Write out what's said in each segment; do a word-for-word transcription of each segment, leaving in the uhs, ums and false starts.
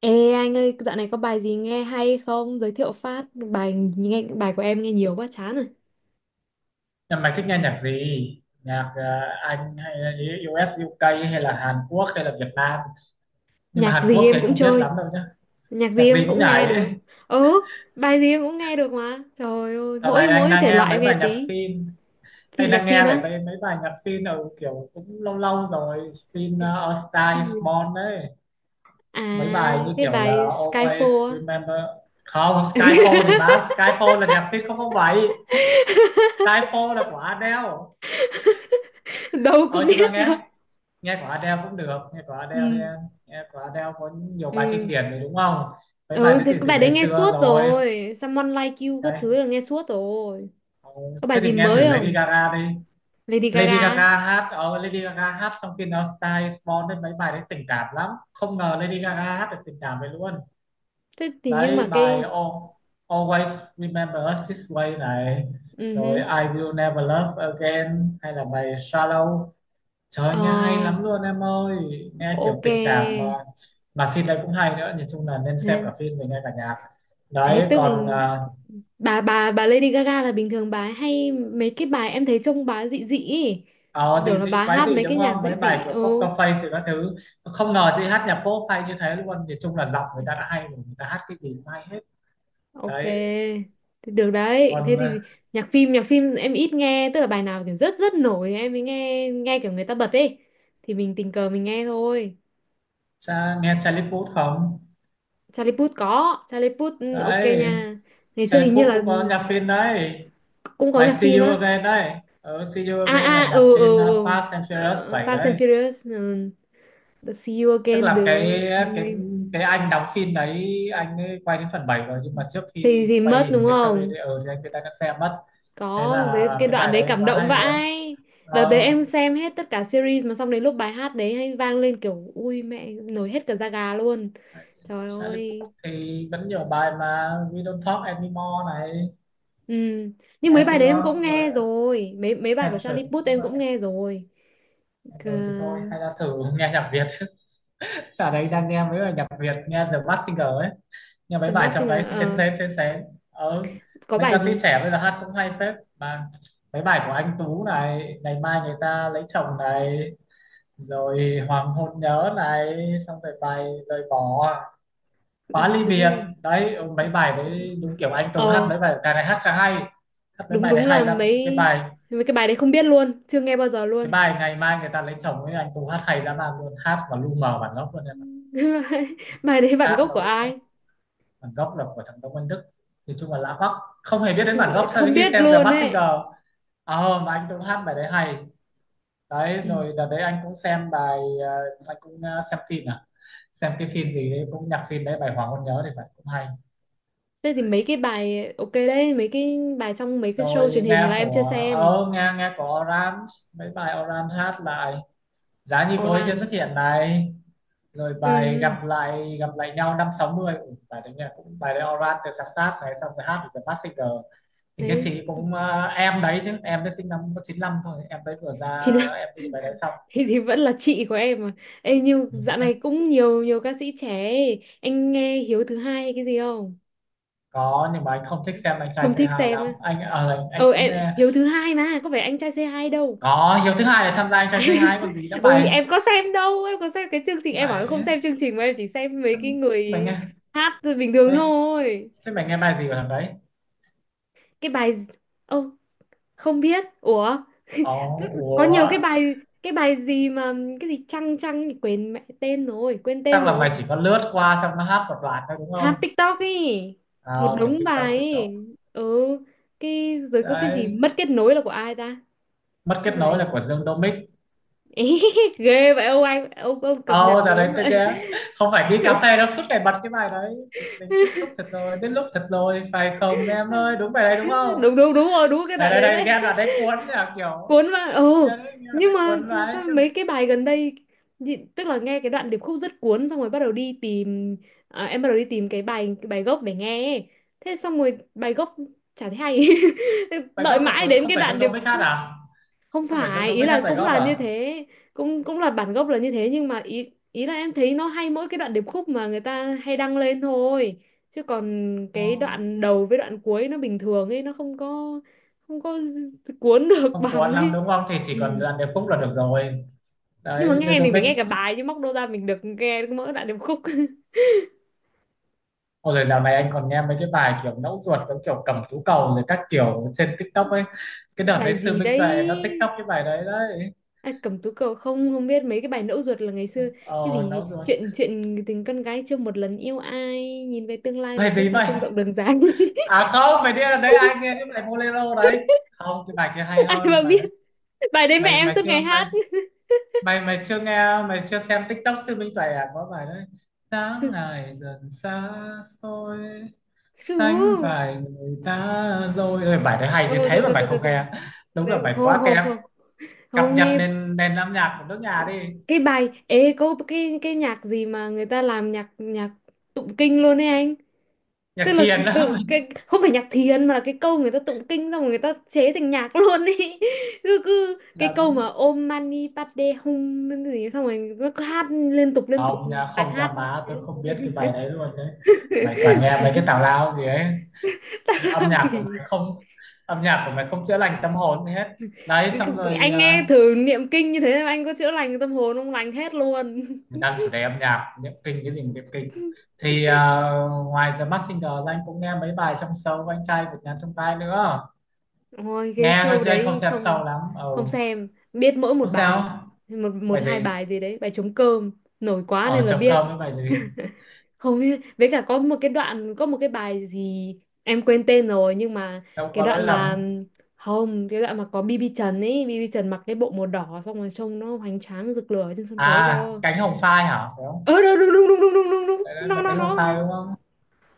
Ê anh ơi, dạo này có bài gì nghe hay không? Giới thiệu phát bài nghe bài của em nghe nhiều quá chán rồi. Nhưng mày thích nghe nhạc gì? Nhạc ờ, Anh hay là u ét, u ca hay là Hàn Quốc hay là Việt Nam? Nhưng mà Nhạc Hàn gì Quốc thì em anh cũng không biết chơi, lắm đâu nhá. nhạc gì Nhạc gì em cũng cũng nghe nhảy. được. Ừ, bài gì em cũng nghe được mà. Trời ơi, Dạo này mỗi anh mỗi đang thể nghe loại em mấy nghe bài nhạc tí. phim. Thì Anh nhạc đang phim nghe lại á. mấy, mấy bài nhạc phim ở kiểu cũng lâu lâu rồi. Phim ờ, A Star is Ừ. Born đấy. À, Mấy bài như cái kiểu là bài Always Skyfall á. Remember. Không, Skyfall thì bá. Skyfall là nhạc phim không không bảy. Skyfall là của Adele. Đâu có Ờ nhưng mà biết đâu. nghe. nghe của Adele cũng được, nghe của Adele đi Ừ. em. Nghe của Adele có nhiều bài kinh Ừ. điển rồi đúng không? Mấy bài Ừ đấy thì từ cái từ bài đấy ngày nghe xưa suốt rồi. rồi. Someone Like You các Đây. thứ là nghe suốt rồi. Ờ, Có Thế bài thì gì nghe thử mới Lady không? Gaga đi. Lady Lady Gaga á. Gaga hát ờ, Lady Gaga hát trong phim đó Style is Born đấy, mấy bài đấy tình cảm lắm, không ngờ Lady Gaga hát được tình cảm vậy luôn. Thế thì nhưng Đấy mà bài cái Al- Always Remember Us This Way này, ừ rồi hứ. I Will Never Love Again hay là bài Shallow. Trời nghe hay Ờ, lắm luôn em ơi. Nghe kiểu ok. tình cảm mà. Mà phim đấy cũng hay nữa. Nhìn chung là nên xem Thế, cả phim mình nghe cả nhạc. thế Đấy. tức còn là à, bà bà bà Lady Gaga là bình thường bà ấy hay mấy cái bài em thấy trông bà dị dị ý. Ờ Thì dị tưởng là dị bà quái hát dị mấy đúng cái nhạc không? dị Mấy bài dị. kiểu Ừ, Poker Face rồi các thứ. Không ngờ chị hát nhạc pop hay như thế luôn. Nhìn chung là giọng người ta đã hay rồi. Người ta hát cái gì cũng hay hết. ok. Đấy. Thì được đấy. Thế còn à, thì nhạc phim, nhạc phim em ít nghe, tức là bài nào kiểu rất rất nổi thì em mới nghe, nghe kiểu người ta bật ấy. Thì mình tình cờ mình nghe thôi. Cha, nghe Charlie Puth không? Charlie Puth có, Charlie Puth ừ, ok Đấy nha. Ngày xưa Charlie hình như Puth là cũng có nhạc phim đấy. cũng có Bài nhạc See phim You á. Again đấy. Ừ, See You À Again là à nhạc ừ ừ phim à, ừ. Fast and Furious Ờ, bảy Fast and đấy. Furious ừ, the See You Tức Again là cái được. cái Nghe- cái anh đóng phim đấy, anh ấy quay đến phần bảy rồi nhưng mà trước thì khi thì quay mất đúng hình cái series không? đấy ờ thì anh người ta đã xem mất. Thế Có là cái, cái cái đoạn bài đấy đấy cảm quá động hay luôn. vãi. Đợt đấy Ờ. em xem hết tất cả series mà xong đến lúc bài hát đấy hay vang lên kiểu ui mẹ nổi hết cả da gà luôn. Trời Charlie ơi. Puth thì vẫn nhiều bài mà, We Don't Talk Anymore này, Ừ. Nhưng nghe mấy bài đấy em cũng chưa, rồi nghe rồi. Mấy mấy bài của Attention Charlie Puth nếu em mà cũng nghe rồi. Ờ, rồi thì thôi hay là thử nghe nhạc Việt. Ở đấy đang nghe mấy bài nhạc Việt nghe The Mask Singer ấy, nhưng mấy The bài Masked trong Singer đấy xén ờ, xén xén xén. ờ, có Mấy bài ca sĩ gì? trẻ bây giờ hát cũng hay phết mà, mấy bài của anh Tú này, ngày mai người ta lấy chồng này, rồi hoàng hôn nhớ này, xong rồi bài rời bỏ, Ừ, khóa ly biệt. đúng. Đấy, ừ, mấy bài đấy đúng kiểu anh Tú hát, Ờ mấy bài càng ngày hát càng hay, hát mấy đúng bài đấy đúng là hay lắm. mấy, cái bài mấy cái bài đấy không biết luôn, chưa nghe bao giờ cái luôn. bài ngày mai người ta lấy chồng ấy anh Tú hát hay lắm mà luôn, hát mà lu mờ bản gốc luôn em ạ. Bài đấy bản Hát gốc mà của lu mờ ai? bản gốc là của thằng Đông Văn Đức. Thì chung là lạ hoắc, không hề biết Nói đến chung bản là gốc sau không đến khi biết xem The luôn Masked ấy. Singer. Ờ mà anh cũng hát bài đấy hay. Đấy Ừ. rồi đợt đấy anh cũng xem bài, ờ, anh cũng ờ, xem phim à, xem cái phim gì đấy cũng nhạc phim đấy bài Hoàng Hôn Nhớ thì phải cũng hay. Thế thì Đấy. mấy cái bài ok đấy, mấy cái bài trong mấy cái show Rồi truyền hình nghe là em chưa của xem. ờ nghe nghe của Orange, mấy bài Orange hát lại, giá như cô ấy chưa Oran xuất hiện này, rồi bài ừ. gặp lại gặp lại nhau năm sáu mươi. Bài đấy nha, cũng bài đấy Oran được sáng tác này xong rồi hát The Mask Singer. Thì các Đấy chị cũng ờ, em đấy chứ em đấy sinh năm có chín lăm thôi, em đấy vừa ra chỉ là em MV bài đấy xong. thì, thì vẫn là chị của em mà. Ê, nhưng Nhưng dạo mà- này cũng nhiều, nhiều ca sĩ trẻ ấy. Anh nghe Hiếu thứ hai hay cái gì không? có nhưng mà anh không thích xem anh trai c Không thích hai xem á. lắm, anh ờ, anh Ờ cũng em nghe. Hiếu thứ hai mà có phải anh trai c hai đâu. Có Hiếu thứ hai là tham gia anh trai c hai còn gì nữa Ôi mày. em có xem đâu. Em có xem cái chương trình. Em bảo em không mày xem chương trình. Mà em chỉ xem mấy cái người mày nghe, hát bình thường mày, thôi. thế mày nghe bài gì của thằng đấy? Cái bài ô không biết. Ủa. Ồ, Có ủa. nhiều cái bài. Cái bài gì mà, cái gì chăng chăng thì. Quên mẹ tên rồi, quên Chắc tên là mày rồi. chỉ có lướt qua xong nó hát một đoạn thôi đúng Hát không? TikTok ấy. à, Một Kiểu đống tiktok bài tiktok. ấy. Ừ cái rồi có cái gì Đấy mất kết nối là của ai ta? mất kết Cái bài nối là của Dương Domic. ghê vậy ông anh. Ông, ông cập nhật Ồ, oh, giờ gớm đấy tôi vậy. ghé. Không phải đi cà phê đâu, suốt ngày bật cái bài đấy. Chuyện mình kết thúc thật rồi, đến lúc thật rồi. Phải không em ơi, đúng bài đấy đúng không? Đúng đúng đúng rồi, đúng cái Đây đoạn đây đấy đây, đấy. nghe là đấy cuốn là kiểu. Cuốn mà ừ. Nghe đấy, nghe đoạn Nhưng đấy mà cuốn mà đấy. sao Cái mấy cái bài gần đây nhị- tức là nghe cái đoạn điệp khúc rất cuốn xong rồi bắt đầu đi tìm. À, em bắt đầu đi tìm cái bài, cái bài gốc để nghe ấy. Thế xong rồi bài gốc chả thấy hay. bài Đợi gốc là mãi của, đến không cái phải Dương đoạn điệp Domic hát khúc. à? Không Không phải Dương phải, ý Domic hát là bài cũng gốc là à? như thế, cũng cũng là bản gốc là như thế nhưng mà ý, ý là em thấy nó hay mỗi cái đoạn điệp khúc mà người ta hay đăng lên thôi, chứ còn Ồ. cái đoạn đầu với đoạn cuối nó bình thường ấy, nó không có, không có cuốn được Không bằng cuốn lắm ấy. đúng không? Thì chỉ cần Ừ. làm điệp khúc là được rồi. Nhưng mà Đấy, Dương nghe mình phải Domic. nghe cả bài chứ, móc đâu ra mình được nghe mỗi đoạn điệp khúc. Ồ, rồi dạo này anh còn nghe mấy cái bài kiểu nẫu ruột giống kiểu cầm tú cầu rồi các kiểu trên TikTok ấy. Cái đợt đấy Bài Sư gì Minh Tuệ nó đấy? TikTok cái bài đấy đấy. À, Cẩm Tú Cầu không, không biết. Mấy cái bài Ngẫu Ruột là ngày xưa cái Ờ, gì nẫu ruột. chuyện, chuyện tình con gái chưa một lần yêu ai, nhìn về tương lai Bài mà thấy gì sao vậy? sông rộng đường dài. À không, bài đi đấy ai nghe cái bài Bolero đấy. Không, cái bài kia hay Ai mà hơn bài biết, đấy. bài đấy mẹ Mày em mày suốt chưa ngày mày hát. mày mày chưa nghe, mày chưa xem TikTok Sư Minh Tuệ à có bài đấy. Sáng Sư- ngày dần xa xôi, Sư, sánh vai người ta rồi. Ôi, bài đấy hay chứ thôi thế thôi mà thôi mày thôi thôi không thôi. nghe, đúng là Đấy, bài không quá không kém. không, Cập không nhật nghe nền nền âm nhạc của nước nhà đi, cái bài. Ê có cái cái nhạc gì mà người ta làm nhạc, nhạc tụng kinh luôn ấy anh. Tức nhạc là thiền cái, đó cái, cái mình. không phải nhạc thiền mà là cái câu người ta tụng kinh xong rồi người ta chế thành nhạc luôn ý, cứ, cứ cái câu mà lắm. Om Mani Padme Hum cái gì xong rồi nó cứ hát liên tục liên tục Không nha, bài không nha hát như má, thế. tôi không biết cái bài đấy luôn đấy. Mày toàn nghe mấy cái tào lao gì ấy. Âm Tao nhạc của mày kỳ. không Âm nhạc của mày không chữa lành tâm hồn gì hết. Đấy xong rồi. Anh ờ, nghe thử niệm kinh như thế mà anh có chữa lành tâm hồn không? Lành hết luôn. mình đang chủ đề âm nhạc, niệm kinh cái gì mà niệm kinh. Thì ờ, ngoài The Masked Singer ra anh cũng nghe mấy bài trong show của anh trai vượt ngàn chông gai nữa. Ôi cái Nghe thôi show chứ anh không đấy xem không, show lắm. Ừ, không xem. Biết mỗi một không bài, sao. một, một Bài hai gì? bài gì đấy, bài trống cơm nổi quá nên Ở là trống biết. cơm với bài gì? Hầu như với cả có một cái đoạn, có một cái bài gì em quên tên rồi nhưng mà Đâu cái có lỗi đoạn mà lầm. không, cái đoạn mà có bi bi Trần ấy, bi bi Trần mặc cái bộ màu đỏ xong rồi trông nó hoành tráng rực lửa trên sân khấu À, cơ. cánh hồng phai hả phải không? Ờ đúng đúng đúng đúng đúng đúng đúng đúng Đấy, đấy, nó là nó cánh hồng nó phai nó. đúng không?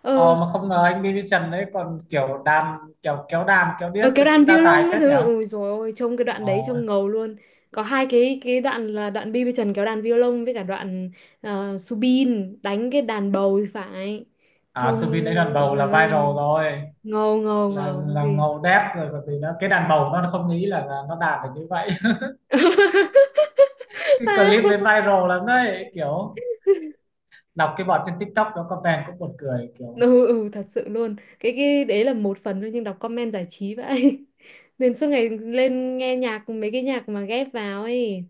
Ờ ờ Mà không ngờ anh Billy Trần đấy còn kiểu đàn kiểu kéo đàn kéo ờ điếc cái thì đoạn cũng đa tài violon cái phết nhỉ. thứ ôi rồi ôi trông cái đoạn ờ đấy trông ngầu luôn. Có hai cái cái đoạn là đoạn bi bi Trần kéo đàn violon với cả đoạn ờ, Subin đánh cái đàn bầu thì phải. À Trông Subin đấy đàn bầu ờ, là viral ơi rồi, ngầu ngầu là ngầu là ghê. ngầu đét rồi còn gì nữa, cái đàn bầu nó không nghĩ là, là nó đạt được như vậy. Cái clip đấy viral lắm đấy kiểu, đọc cái bọn trên TikTok nó comment cũng buồn cười kiểu. Ừ, ừ thật sự luôn, cái cái đấy là một phần thôi nhưng đọc comment giải trí vậy. Nên suốt ngày lên nghe nhạc mấy cái nhạc mà ghép vào ấy.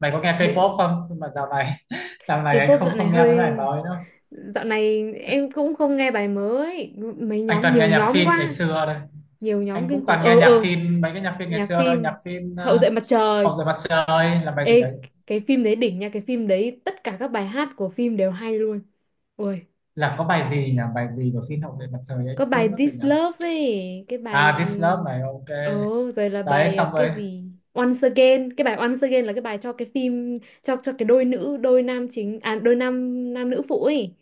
Mày có nghe Bệ- K-pop không, nhưng mà dạo này dạo này cái anh pop không dạo này không nghe mấy bài hơi, mới nữa. dạo này em cũng không nghe bài mới mấy, Anh nhóm toàn nghe nhiều nhạc nhóm phim ngày quá, xưa đây. nhiều nhóm Anh kinh cũng khủng. toàn nghe Ờ ờ nhạc phim, mấy cái nhạc phim ngày nhạc xưa thôi, nhạc phim phim Hậu ờ, duệ mặt trời. Hậu duệ mặt trời là bài gì Ê đấy? cái phim đấy đỉnh nha, cái phim đấy tất cả các bài hát của phim đều hay luôn. Ui Là có bài gì nhỉ, bài gì của phim Hậu duệ mặt trời ấy có bài quên mất rồi This nhỉ. Love ấy, cái bài À gì. This Love này, OK. Ồ rồi là Đấy bài à, xong rồi cái gì Once Again, cái bài Once Again là cái bài cho cái phim, cho cho cái đôi nữ, đôi nam chính à đôi nam, nam nữ phụ ấy.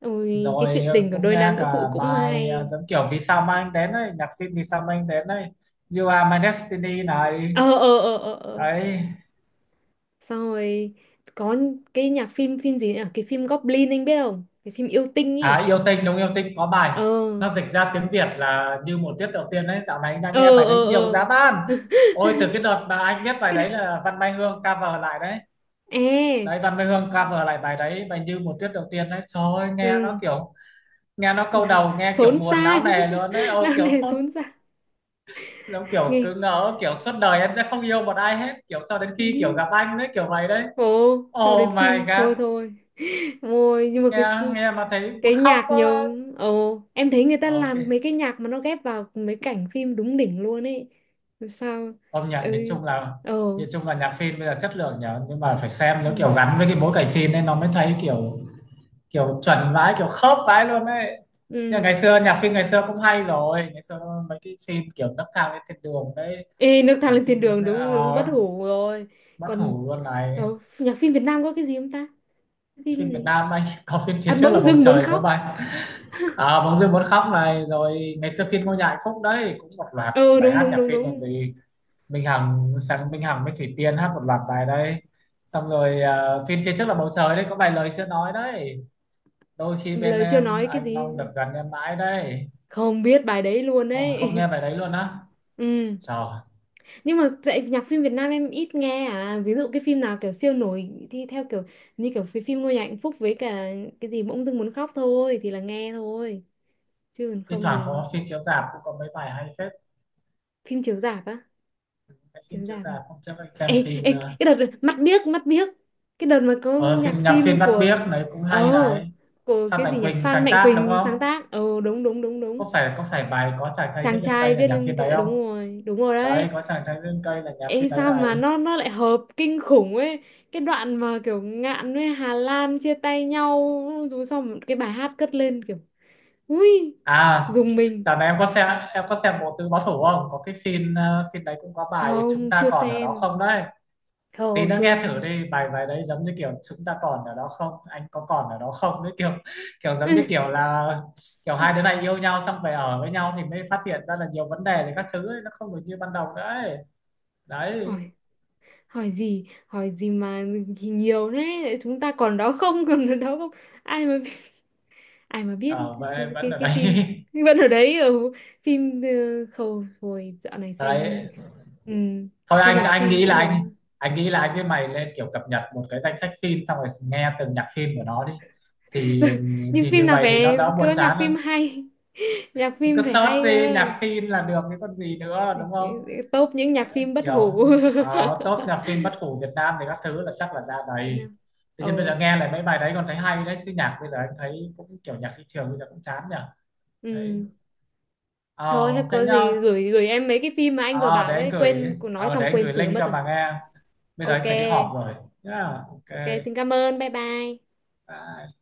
Ôi cái rồi chuyện tình của cũng đôi nghe nam nữ cả phụ cũng bài ờ, hay. giống kiểu vì sao mà anh đến ấy, nhạc phim vì sao mà anh đến ấy. You Are My Destiny này. Ờ ờ ờ ờ ờ. Đấy. Xong rồi có cái nhạc phim phim gì nhỉ, cái phim Goblin anh biết không, cái phim yêu tinh À, ấy. yêu tinh đúng yêu tinh có bài, Ờ nó dịch ra tiếng Việt là như một tiết đầu tiên đấy, dạo này anh đang ờ nghe bài đấy ờ nhiều ờ. giá ban. Ôi từ cái đợt mà anh biết bài Cái đó... đấy là Văn Mai Hương cover lại đấy. ê Đấy Văn Mai Hương cover lại bài đấy, bài như một tiết đầu tiên đấy, trời ơi nghe nó ừ kiểu, nghe nó câu đầu nghe kiểu xốn buồn não sang, nề luôn đấy. Ôi nào kiểu nề sốt, xốn sang giống kiểu nghe cứ ngỡ kiểu suốt đời em sẽ không yêu một ai hết kiểu cho đến khi nhí. kiểu gặp anh đấy kiểu vậy đấy. Ồ, cho đến Oh my khi thôi god. thôi. Ôi, nhưng mà nghe cái nghe mà thấy cái muốn khóc nhạc quá. nhiều ồ em thấy người ta OK, làm mấy cái nhạc mà nó ghép vào mấy cảnh phim đúng đỉnh luôn ấy. Sao công nhận nhìn ơi chung là ồ nhìn chung là nhạc phim bây giờ chất lượng nhở, nhưng mà phải xem nó ừ kiểu gắn với cái bối cảnh phim nên nó mới thấy kiểu, kiểu chuẩn vãi kiểu khớp vãi luôn đấy. Nhưng ừ. ngày xưa nhạc phim ngày xưa cũng hay rồi, ngày xưa mấy cái phim kiểu nấc thang lên thiên đường đấy, Ê nước thang nhạc lên thiên phim đường đúng đúng uh, bất hủ rồi. bất Còn hủ luôn này. ồ, nhạc phim Việt Nam có cái gì không ta? Phim Phim Việt gì Nam anh có phim phía à trước là bỗng bầu dưng muốn trời có khóc. bài. À, bóng dương muốn khóc này, rồi ngày xưa phim ngôi nhà hạnh phúc đấy cũng một loạt Ừ bài đúng hát đúng nhạc đúng phim còn đúng. gì. Minh Hằng sáng Minh Hằng với Thủy Tiên hát một loạt bài đấy. Xong rồi ờ, phim phía trước là bầu trời đấy có vài lời chưa nói đấy, đôi khi bên Lời chưa em nói cái anh gì, mong được gần em mãi đấy. không biết bài đấy luôn Ô, mà không ấy. nghe bài đấy luôn á? Ừ Trời. nhưng mà tại nhạc phim Việt Nam em ít nghe, à ví dụ cái phim nào kiểu siêu nổi thì theo kiểu như kiểu phim, phim Ngôi Nhà Hạnh Phúc với cả cái gì bỗng dưng muốn khóc thôi thì là nghe thôi, chứ còn Thi không thoảng thì. có phim chiếu rạp cũng có mấy bài hay phết. Phim chiếu rạp á, Mấy phim chiếu chiếu rạp. rạp không chấp, anh xem Ê, phim. ê ờ, cái đợt mắt biếc, mắt biếc cái đợt mà có Ờ, nhạc phim nhạc phim phim Mắt của Biếc này cũng ờ hay này. của Phan cái Mạnh gì nhỉ Quỳnh Phan sáng Mạnh tác đúng Quỳnh sáng không? tác ờ đúng đúng đúng đúng. Có phải có phải bài có chàng trai viết Chàng lên trai cây là viết nhạc lên phim đấy cái không? đúng rồi đúng rồi đấy. Đấy, có chàng trai viết lên cây là nhạc Ê phim đấy sao mà này. nó nó lại hợp kinh khủng ấy. Cái đoạn mà kiểu Ngạn với Hà Lan chia tay nhau. Rồi xong cái bài hát cất lên kiểu ui À, dùng mình. dạo này em có xem em có xem Bộ Tứ Báo Thủ không? Có cái phim ờ, phim đấy cũng có bài chúng Không ta chưa còn ở đó xem. không đấy? Tí Không nữa chưa. nghe thử đi, bài bài đấy giống như kiểu chúng ta còn ở đó không? Anh có còn ở đó không? Đấy kiểu kiểu giống như kiểu là kiểu hai đứa này yêu nhau xong về ở với nhau thì mới phát hiện ra là nhiều vấn đề thì các thứ ấy, nó không được như ban đầu nữa ấy. Đấy, Hỏi, hỏi gì? Hỏi gì mà nhiều thế? Chúng ta còn đó không, còn ở đó không? Ai mà biết- Ai mà biết ở cái, về vẫn cái, ở cái đấy. phim vẫn ở đấy ở phim ờ, khâu hồi dạo này xem. Đấy Ừ. thôi Thế anh nhạc anh phim nghĩ là cũng được. anh anh nghĩ là anh với mày lên kiểu cập nhật một cái danh sách phim xong rồi nghe từng nhạc phim của nó đi, thì Nhưng thì phim như nào vậy thì nó phải đỡ buồn có nhạc chán phim hơn. hay, nhạc Thì cứ phim phải search hay đi cơ, nhạc phim là được chứ còn gì nữa đúng không? tốt những nhạc phim bất Kiểu hủ. uh, top nhạc phim bất hủ Việt Nam thì các thứ là chắc là ra Việt đầy. Nam Thế chứ bây ồ giờ nghe lại mấy bài đấy còn thấy hay đấy chứ nhạc bây giờ anh thấy cũng kiểu nhạc thị trường bây giờ cũng chán nhỉ. Đấy ừ. Thôi ờ thế thế có nhá. gì gửi, gửi em mấy cái phim mà anh vừa Ờ, để bảo anh ấy, gửi, quên nói ờ, để xong anh quên gửi sửa link mất cho rồi. bà nghe, bây giờ anh Ok phải đi họp rồi. Yeah, OK. ok xin cảm ơn, bye bye. Bye.